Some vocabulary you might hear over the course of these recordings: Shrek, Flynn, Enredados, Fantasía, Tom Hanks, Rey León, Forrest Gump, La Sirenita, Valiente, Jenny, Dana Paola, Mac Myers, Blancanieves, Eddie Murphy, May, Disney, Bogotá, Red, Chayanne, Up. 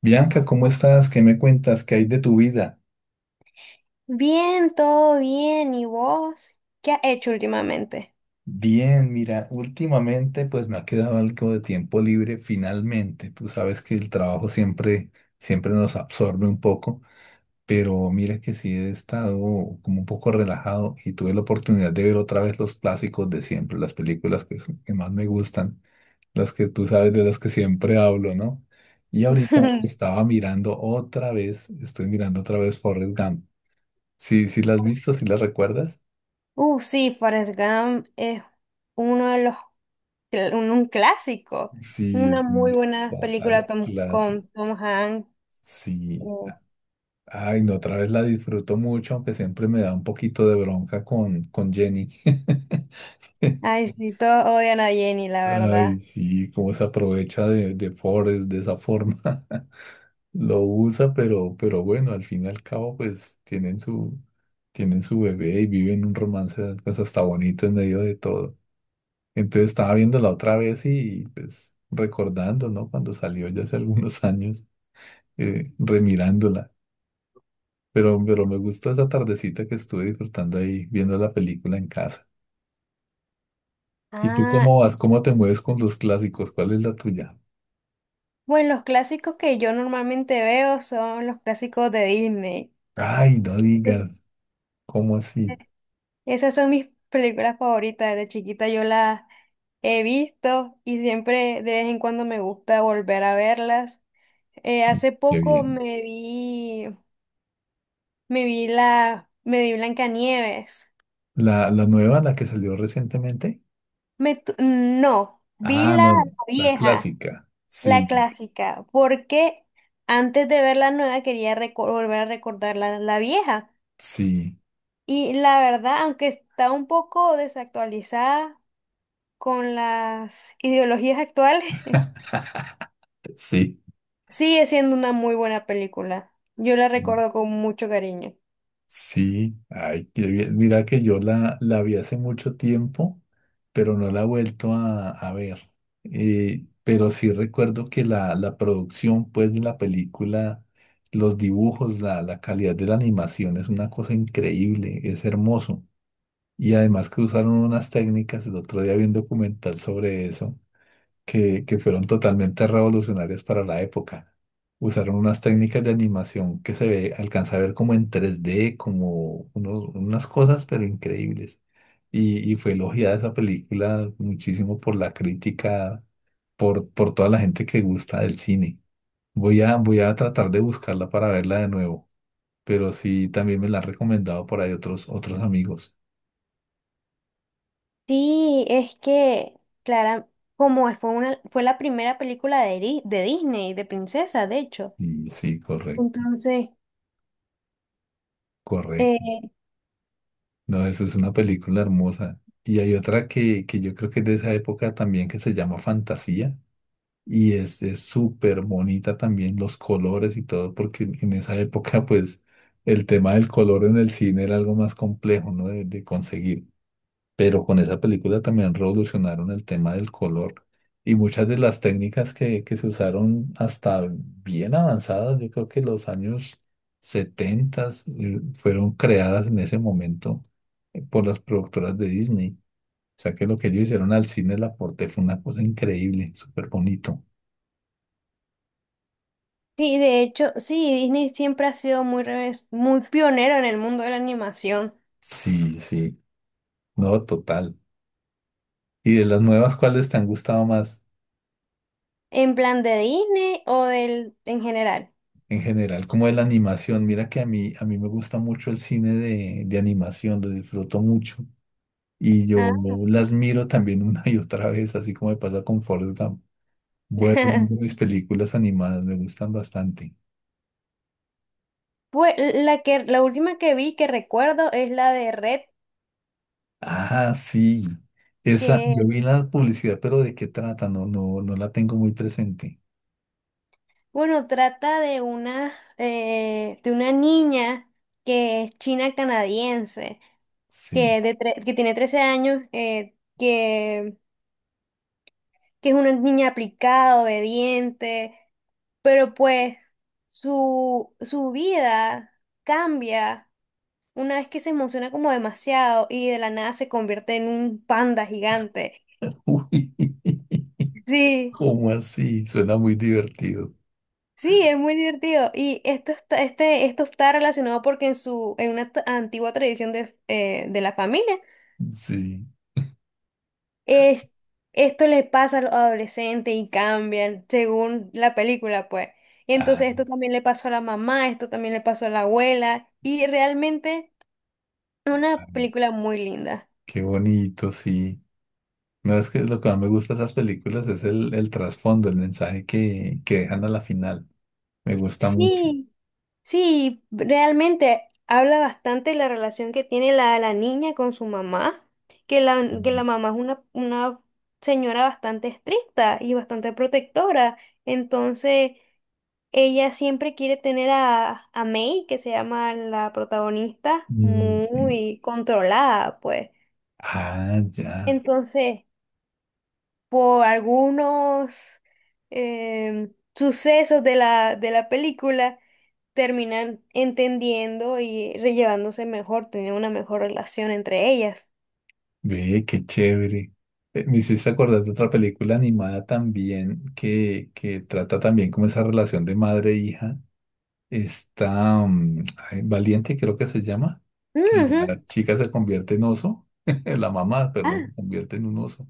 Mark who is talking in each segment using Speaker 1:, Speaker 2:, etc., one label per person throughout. Speaker 1: Bianca, ¿cómo estás? ¿Qué me cuentas? ¿Qué hay de tu vida?
Speaker 2: Bien, todo bien. ¿Y vos? ¿Qué has hecho últimamente?
Speaker 1: Bien, mira, últimamente pues me ha quedado algo de tiempo libre finalmente. Tú sabes que el trabajo siempre nos absorbe un poco, pero mira que sí he estado como un poco relajado y tuve la oportunidad de ver otra vez los clásicos de siempre, las películas que más me gustan, las que tú sabes de las que siempre hablo, ¿no? Y ahorita estaba mirando otra vez, estoy mirando otra vez Forrest Gump. Sí, sí las has visto, sí las recuerdas.
Speaker 2: Sí, Forrest Gump es uno de los, cl- un clásico.
Speaker 1: Sí,
Speaker 2: Una
Speaker 1: es
Speaker 2: muy
Speaker 1: un
Speaker 2: buena película
Speaker 1: total clásico.
Speaker 2: Con Tom Hanks. Eh,
Speaker 1: Sí. Ay, no, otra vez la disfruto mucho, aunque siempre me da un poquito de bronca con Jenny.
Speaker 2: Ay, sí, todos odian a Jenny, la
Speaker 1: Ay,
Speaker 2: verdad.
Speaker 1: sí, cómo se aprovecha de Forrest de esa forma. Lo usa, pero bueno, al fin y al cabo, pues tienen su bebé y viven un romance, pues hasta bonito en medio de todo. Entonces estaba viéndola otra vez y pues recordando, ¿no? Cuando salió ya hace algunos años, remirándola. Pero me gustó esa tardecita que estuve disfrutando ahí viendo la película en casa. ¿Y tú
Speaker 2: Ah,
Speaker 1: cómo vas? ¿Cómo te mueves con los clásicos? ¿Cuál es la tuya?
Speaker 2: bueno, los clásicos que yo normalmente veo son los clásicos de Disney.
Speaker 1: Ay, no digas. ¿Cómo así?
Speaker 2: Esas son mis películas favoritas. Desde chiquita yo las he visto y siempre de vez en cuando me gusta volver a verlas. Eh, hace
Speaker 1: Qué
Speaker 2: poco
Speaker 1: bien.
Speaker 2: me vi, me vi la, me vi Blancanieves.
Speaker 1: ¿La nueva, la que salió recientemente?
Speaker 2: No, vi
Speaker 1: Ah, no, la,
Speaker 2: la
Speaker 1: la
Speaker 2: vieja,
Speaker 1: clásica.
Speaker 2: la
Speaker 1: Sí,
Speaker 2: clásica, porque antes de ver la nueva quería volver a recordar la vieja.
Speaker 1: sí,
Speaker 2: Y la verdad, aunque está un poco desactualizada con las ideologías actuales,
Speaker 1: sí.
Speaker 2: sigue siendo una muy buena película. Yo la
Speaker 1: Sí.
Speaker 2: recuerdo con mucho cariño.
Speaker 1: Sí, ay, qué bien. Mira que yo la vi hace mucho tiempo, pero no la he vuelto a ver. Pero sí recuerdo que la producción, pues, de la película, los dibujos, la calidad de la animación es una cosa increíble, es hermoso. Y además que usaron unas técnicas, el otro día vi un documental sobre eso, que fueron totalmente revolucionarias para la época. Usaron unas técnicas de animación que alcanza a ver como en tres d como unas cosas, pero increíbles. Y fue elogiada esa película muchísimo por la crítica, por toda la gente que gusta del cine. Voy a tratar de buscarla para verla de nuevo, pero sí, también me la han recomendado por ahí otros, otros amigos.
Speaker 2: Sí, es que, Clara, como fue la primera película de Disney, de princesa, de hecho.
Speaker 1: Y sí, correcto,
Speaker 2: Entonces, eh,
Speaker 1: no, eso es una película hermosa. Y hay otra que yo creo que es de esa época también que se llama Fantasía. Y es súper bonita también los colores y todo, porque en esa época pues el tema del color en el cine era algo más complejo, ¿no? de conseguir, pero con esa película también revolucionaron el tema del color, y muchas de las técnicas que se usaron hasta bien avanzadas, yo creo que los años 70 fueron creadas en ese momento, por las productoras de Disney. O sea que lo que ellos hicieron al cine, el aporte fue una cosa increíble, súper bonito.
Speaker 2: sí, de hecho, sí, Disney siempre ha sido muy pionero en el mundo de la animación.
Speaker 1: Sí, sí, no, total. ¿Y de las nuevas, cuáles te han gustado más?
Speaker 2: ¿En plan de Disney o en general?
Speaker 1: En general, como de la animación. Mira que a mí me gusta mucho el cine de animación, lo disfruto mucho. Y yo
Speaker 2: Ah,
Speaker 1: las miro también una y otra vez, así como me pasa con Forrest Gump. Bueno, mis películas animadas me gustan bastante.
Speaker 2: Pues la última que vi que recuerdo es la de Red.
Speaker 1: Ah, sí. Esa,
Speaker 2: que
Speaker 1: yo vi la publicidad, pero ¿de qué trata? No, no, no la tengo muy presente.
Speaker 2: Bueno, trata de una niña que es china canadiense,
Speaker 1: Sí.
Speaker 2: que tiene 13 años, que es una niña aplicada, obediente, pero pues su vida cambia una vez que se emociona como demasiado y de la nada se convierte en un panda gigante.
Speaker 1: Uy,
Speaker 2: Sí,
Speaker 1: ¿cómo así? Suena muy divertido.
Speaker 2: Sí, es muy divertido. Y esto está, esto está relacionado porque en su, antigua tradición de la familia,
Speaker 1: Sí.
Speaker 2: es- esto le pasa a los adolescentes y cambian según la película, pues. Y
Speaker 1: Ah,
Speaker 2: entonces esto también le pasó a la mamá, esto también le pasó a la abuela. Y realmente una película muy linda.
Speaker 1: qué bonito, sí. No, es que lo que más me gusta de esas películas es el trasfondo, el mensaje que dejan a la final. Me gusta mucho.
Speaker 2: Sí. Sí, realmente habla bastante la relación que tiene la niña con su mamá, que la
Speaker 1: Mm,
Speaker 2: mamá es una señora bastante estricta y bastante protectora. Entonces, ella siempre quiere tener a May, que se llama la protagonista,
Speaker 1: mm, sí.
Speaker 2: muy controlada, pues.
Speaker 1: Ah, ya.
Speaker 2: Entonces, por algunos sucesos de la película, terminan entendiendo y rellevándose mejor, tener una mejor relación entre ellas.
Speaker 1: Ve, qué chévere. Me hiciste acordar de otra película animada también que trata también como esa relación de madre e hija. Está ay, Valiente, creo que se llama, que
Speaker 2: Ujú.
Speaker 1: la chica se convierte en oso, la mamá, perdón,
Speaker 2: Ah,
Speaker 1: se convierte en un oso.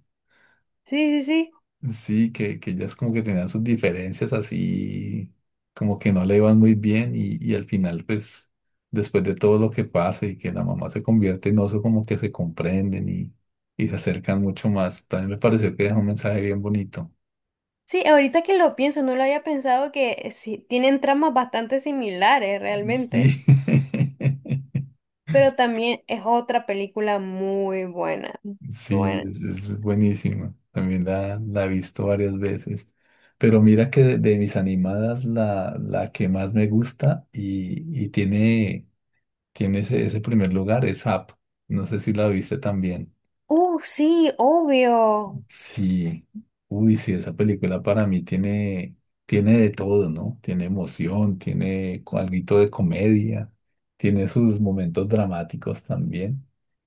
Speaker 2: sí, sí, sí.
Speaker 1: Sí, que ellas como que tenían sus diferencias así, como que no le iban muy bien y al final pues después de todo lo que pasa y que la mamá se convierte en oso como que se comprenden, y se acercan mucho más. También me pareció que dejó un mensaje bien bonito.
Speaker 2: Sí, ahorita que lo pienso, no lo había pensado que sí, tienen tramas bastante similares realmente,
Speaker 1: Sí,
Speaker 2: pero también es otra película muy buena. Muy
Speaker 1: sí,
Speaker 2: buena.
Speaker 1: es buenísima. También la he visto varias veces. Pero mira que de mis animadas la que más me gusta y tiene ese primer lugar, es Up. No sé si la viste también.
Speaker 2: Sí, obvio.
Speaker 1: Sí. Uy, sí, esa película para mí tiene de todo, ¿no? Tiene emoción, tiene algo de comedia, tiene sus momentos dramáticos también.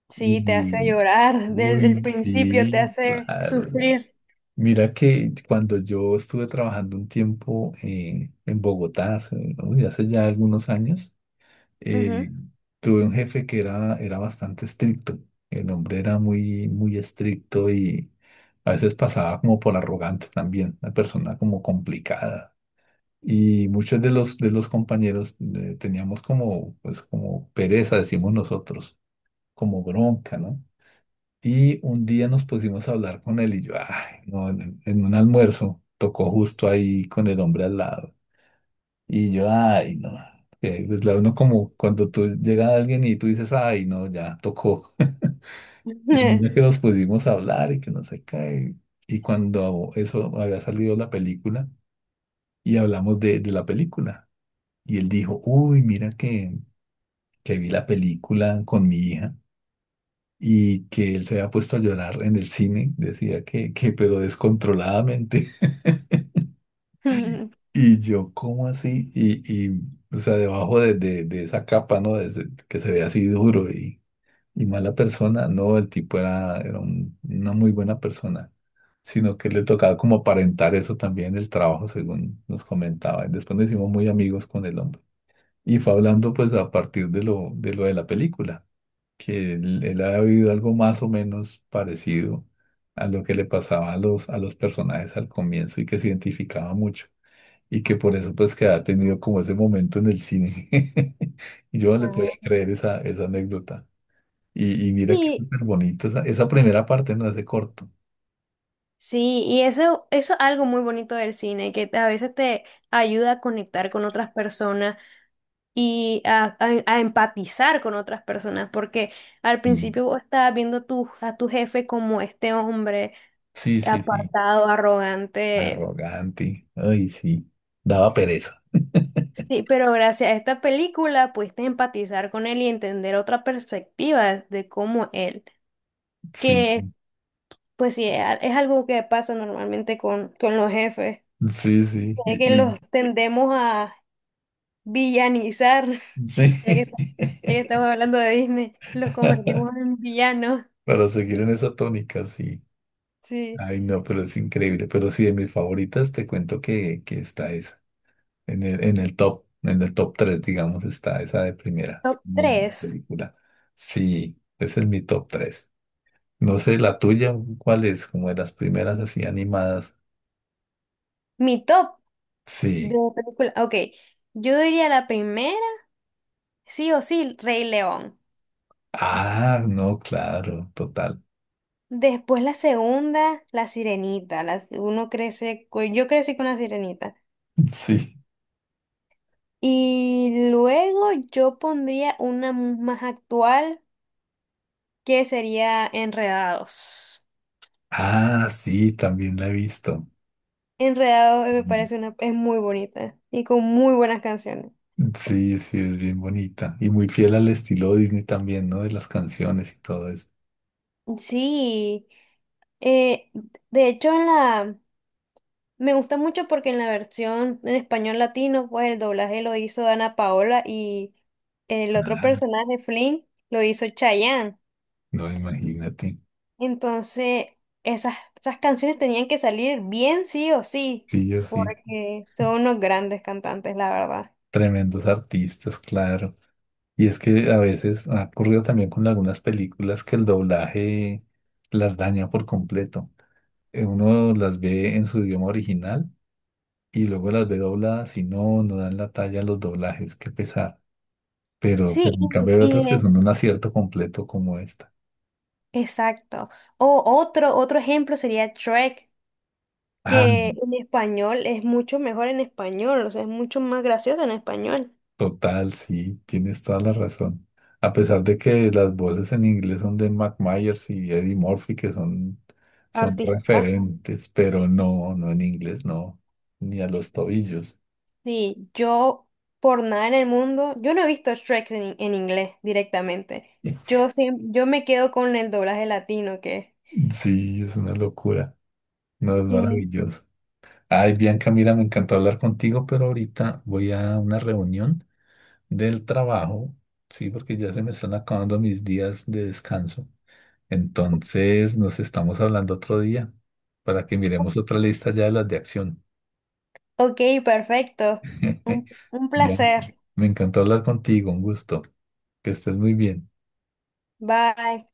Speaker 2: Sí, te hace
Speaker 1: Y,
Speaker 2: llorar, desde el
Speaker 1: uy,
Speaker 2: principio te
Speaker 1: sí,
Speaker 2: hace
Speaker 1: claro.
Speaker 2: sufrir.
Speaker 1: Mira que cuando yo estuve trabajando un tiempo en Bogotá, uy, hace ya algunos años,
Speaker 2: Ujú.
Speaker 1: eh, tuve un jefe que era bastante estricto. El hombre era muy, muy estricto y a veces pasaba como por arrogante también, una persona como complicada. Y muchos de los compañeros, teníamos como, pues, como pereza, decimos nosotros, como bronca, ¿no? Y un día nos pusimos a hablar con él y yo, ay, no, en un almuerzo, tocó justo ahí con el hombre al lado. Y yo, ay, no, que pues la uno como cuando tú llega alguien y tú dices, ay, no, ya tocó. Y mira que nos pusimos a hablar y que no sé qué. Y cuando eso había salido la película y hablamos de la película. Y él dijo, uy, mira que vi la película con mi hija y que él se había puesto a llorar en el cine. Decía que pero descontroladamente. Y yo, ¿cómo así? Y o sea, debajo de esa capa, ¿no? Que se ve así duro, y mala persona, no, el tipo era, era una muy buena persona, sino que le tocaba como aparentar eso también en el trabajo, según nos comentaba. Y después nos hicimos muy amigos con el hombre. Y fue hablando pues a partir de lo de, lo de la película, que él había vivido algo más o menos parecido a lo que le pasaba a los personajes al comienzo y que se identificaba mucho. Y que por eso pues que ha tenido como ese momento en el cine. Y yo no le podía
Speaker 2: Ajá.
Speaker 1: creer esa, esa anécdota. Y mira que es
Speaker 2: Y
Speaker 1: súper bonito esa, esa primera parte, ¿no? Ese corto.
Speaker 2: sí, y eso es algo muy bonito del cine, que a veces te ayuda a conectar con otras personas y a, a empatizar con otras personas, porque al
Speaker 1: Sí.
Speaker 2: principio vos estabas viendo tu, a tu jefe como este hombre
Speaker 1: Sí, sí, sí.
Speaker 2: apartado, arrogante.
Speaker 1: Arrogante. Ay, sí. Daba pereza.
Speaker 2: Sí, pero gracias a esta película pudiste empatizar con él y entender otra perspectiva de cómo él,
Speaker 1: Sí,
Speaker 2: que pues sí, es algo que pasa normalmente con los jefes,
Speaker 1: sí, sí.
Speaker 2: de que los tendemos a villanizar,
Speaker 1: Sí.
Speaker 2: ya ya que estamos hablando de Disney, los convertimos en villanos.
Speaker 1: Para seguir en esa tónica, sí.
Speaker 2: Sí.
Speaker 1: Ay, no, pero es increíble. Pero sí, de mis favoritas, te cuento que está esa. En el top tres, digamos, está esa de primera.
Speaker 2: Top
Speaker 1: Muy buena
Speaker 2: tres.
Speaker 1: película. Sí, ese es mi top tres. No sé, la tuya, ¿cuál es? Como de las primeras así animadas.
Speaker 2: Mi top de
Speaker 1: Sí.
Speaker 2: película. Ok, yo diría la primera, sí o sí, Rey León.
Speaker 1: Ah, no, claro, total.
Speaker 2: Después la segunda, la Sirenita. Uno crece, con yo crecí con la Sirenita.
Speaker 1: Sí.
Speaker 2: Y luego yo pondría una más actual que sería Enredados.
Speaker 1: Ah, sí, también la he visto.
Speaker 2: Enredados, me
Speaker 1: Mm.
Speaker 2: parece es muy bonita y con muy buenas canciones.
Speaker 1: Sí, sí, es bien bonita. Y muy fiel al estilo Disney también, ¿no? De las canciones y todo eso.
Speaker 2: Sí, eh, de hecho me gusta mucho porque en la versión en español latino, pues el doblaje lo hizo Dana Paola y el otro
Speaker 1: Ah,
Speaker 2: personaje, Flynn, lo hizo Chayanne.
Speaker 1: no, imagínate.
Speaker 2: Entonces, esas canciones tenían que salir bien sí o sí,
Speaker 1: Sí, yo sí.
Speaker 2: porque son unos grandes cantantes, la verdad.
Speaker 1: Tremendos artistas, claro. Y es que a veces ha ocurrido también con algunas películas que el doblaje las daña por completo. Uno las ve en su idioma original y luego las ve dobladas y no dan la talla a los doblajes, qué pesar. Pero,
Speaker 2: Sí,
Speaker 1: pero en cambio hay otras que son un acierto completo como esta.
Speaker 2: exacto. O otro ejemplo sería Shrek,
Speaker 1: Ah,
Speaker 2: que en español es mucho mejor en español, o sea, es mucho más gracioso en español.
Speaker 1: total, sí, tienes toda la razón. A pesar de que las voces en inglés son de Mac Myers y Eddie Murphy, que son
Speaker 2: Artistazo.
Speaker 1: referentes, pero no en inglés, no, ni a los tobillos.
Speaker 2: Sí, yo por nada en el mundo, yo no he visto Shrek en inglés directamente. Yo, yo me quedo con el doblaje latino,
Speaker 1: Sí, es una locura. No, es
Speaker 2: que es un...
Speaker 1: maravilloso. Ay, Bianca, mira, me encantó hablar contigo, pero ahorita voy a una reunión del trabajo, sí, porque ya se me están acabando mis días de descanso. Entonces, nos estamos hablando otro día para que miremos otra lista ya de las de acción.
Speaker 2: Ok, perfecto. Un
Speaker 1: Bianca,
Speaker 2: placer.
Speaker 1: me encantó hablar contigo, un gusto. Que estés muy bien.
Speaker 2: Bye.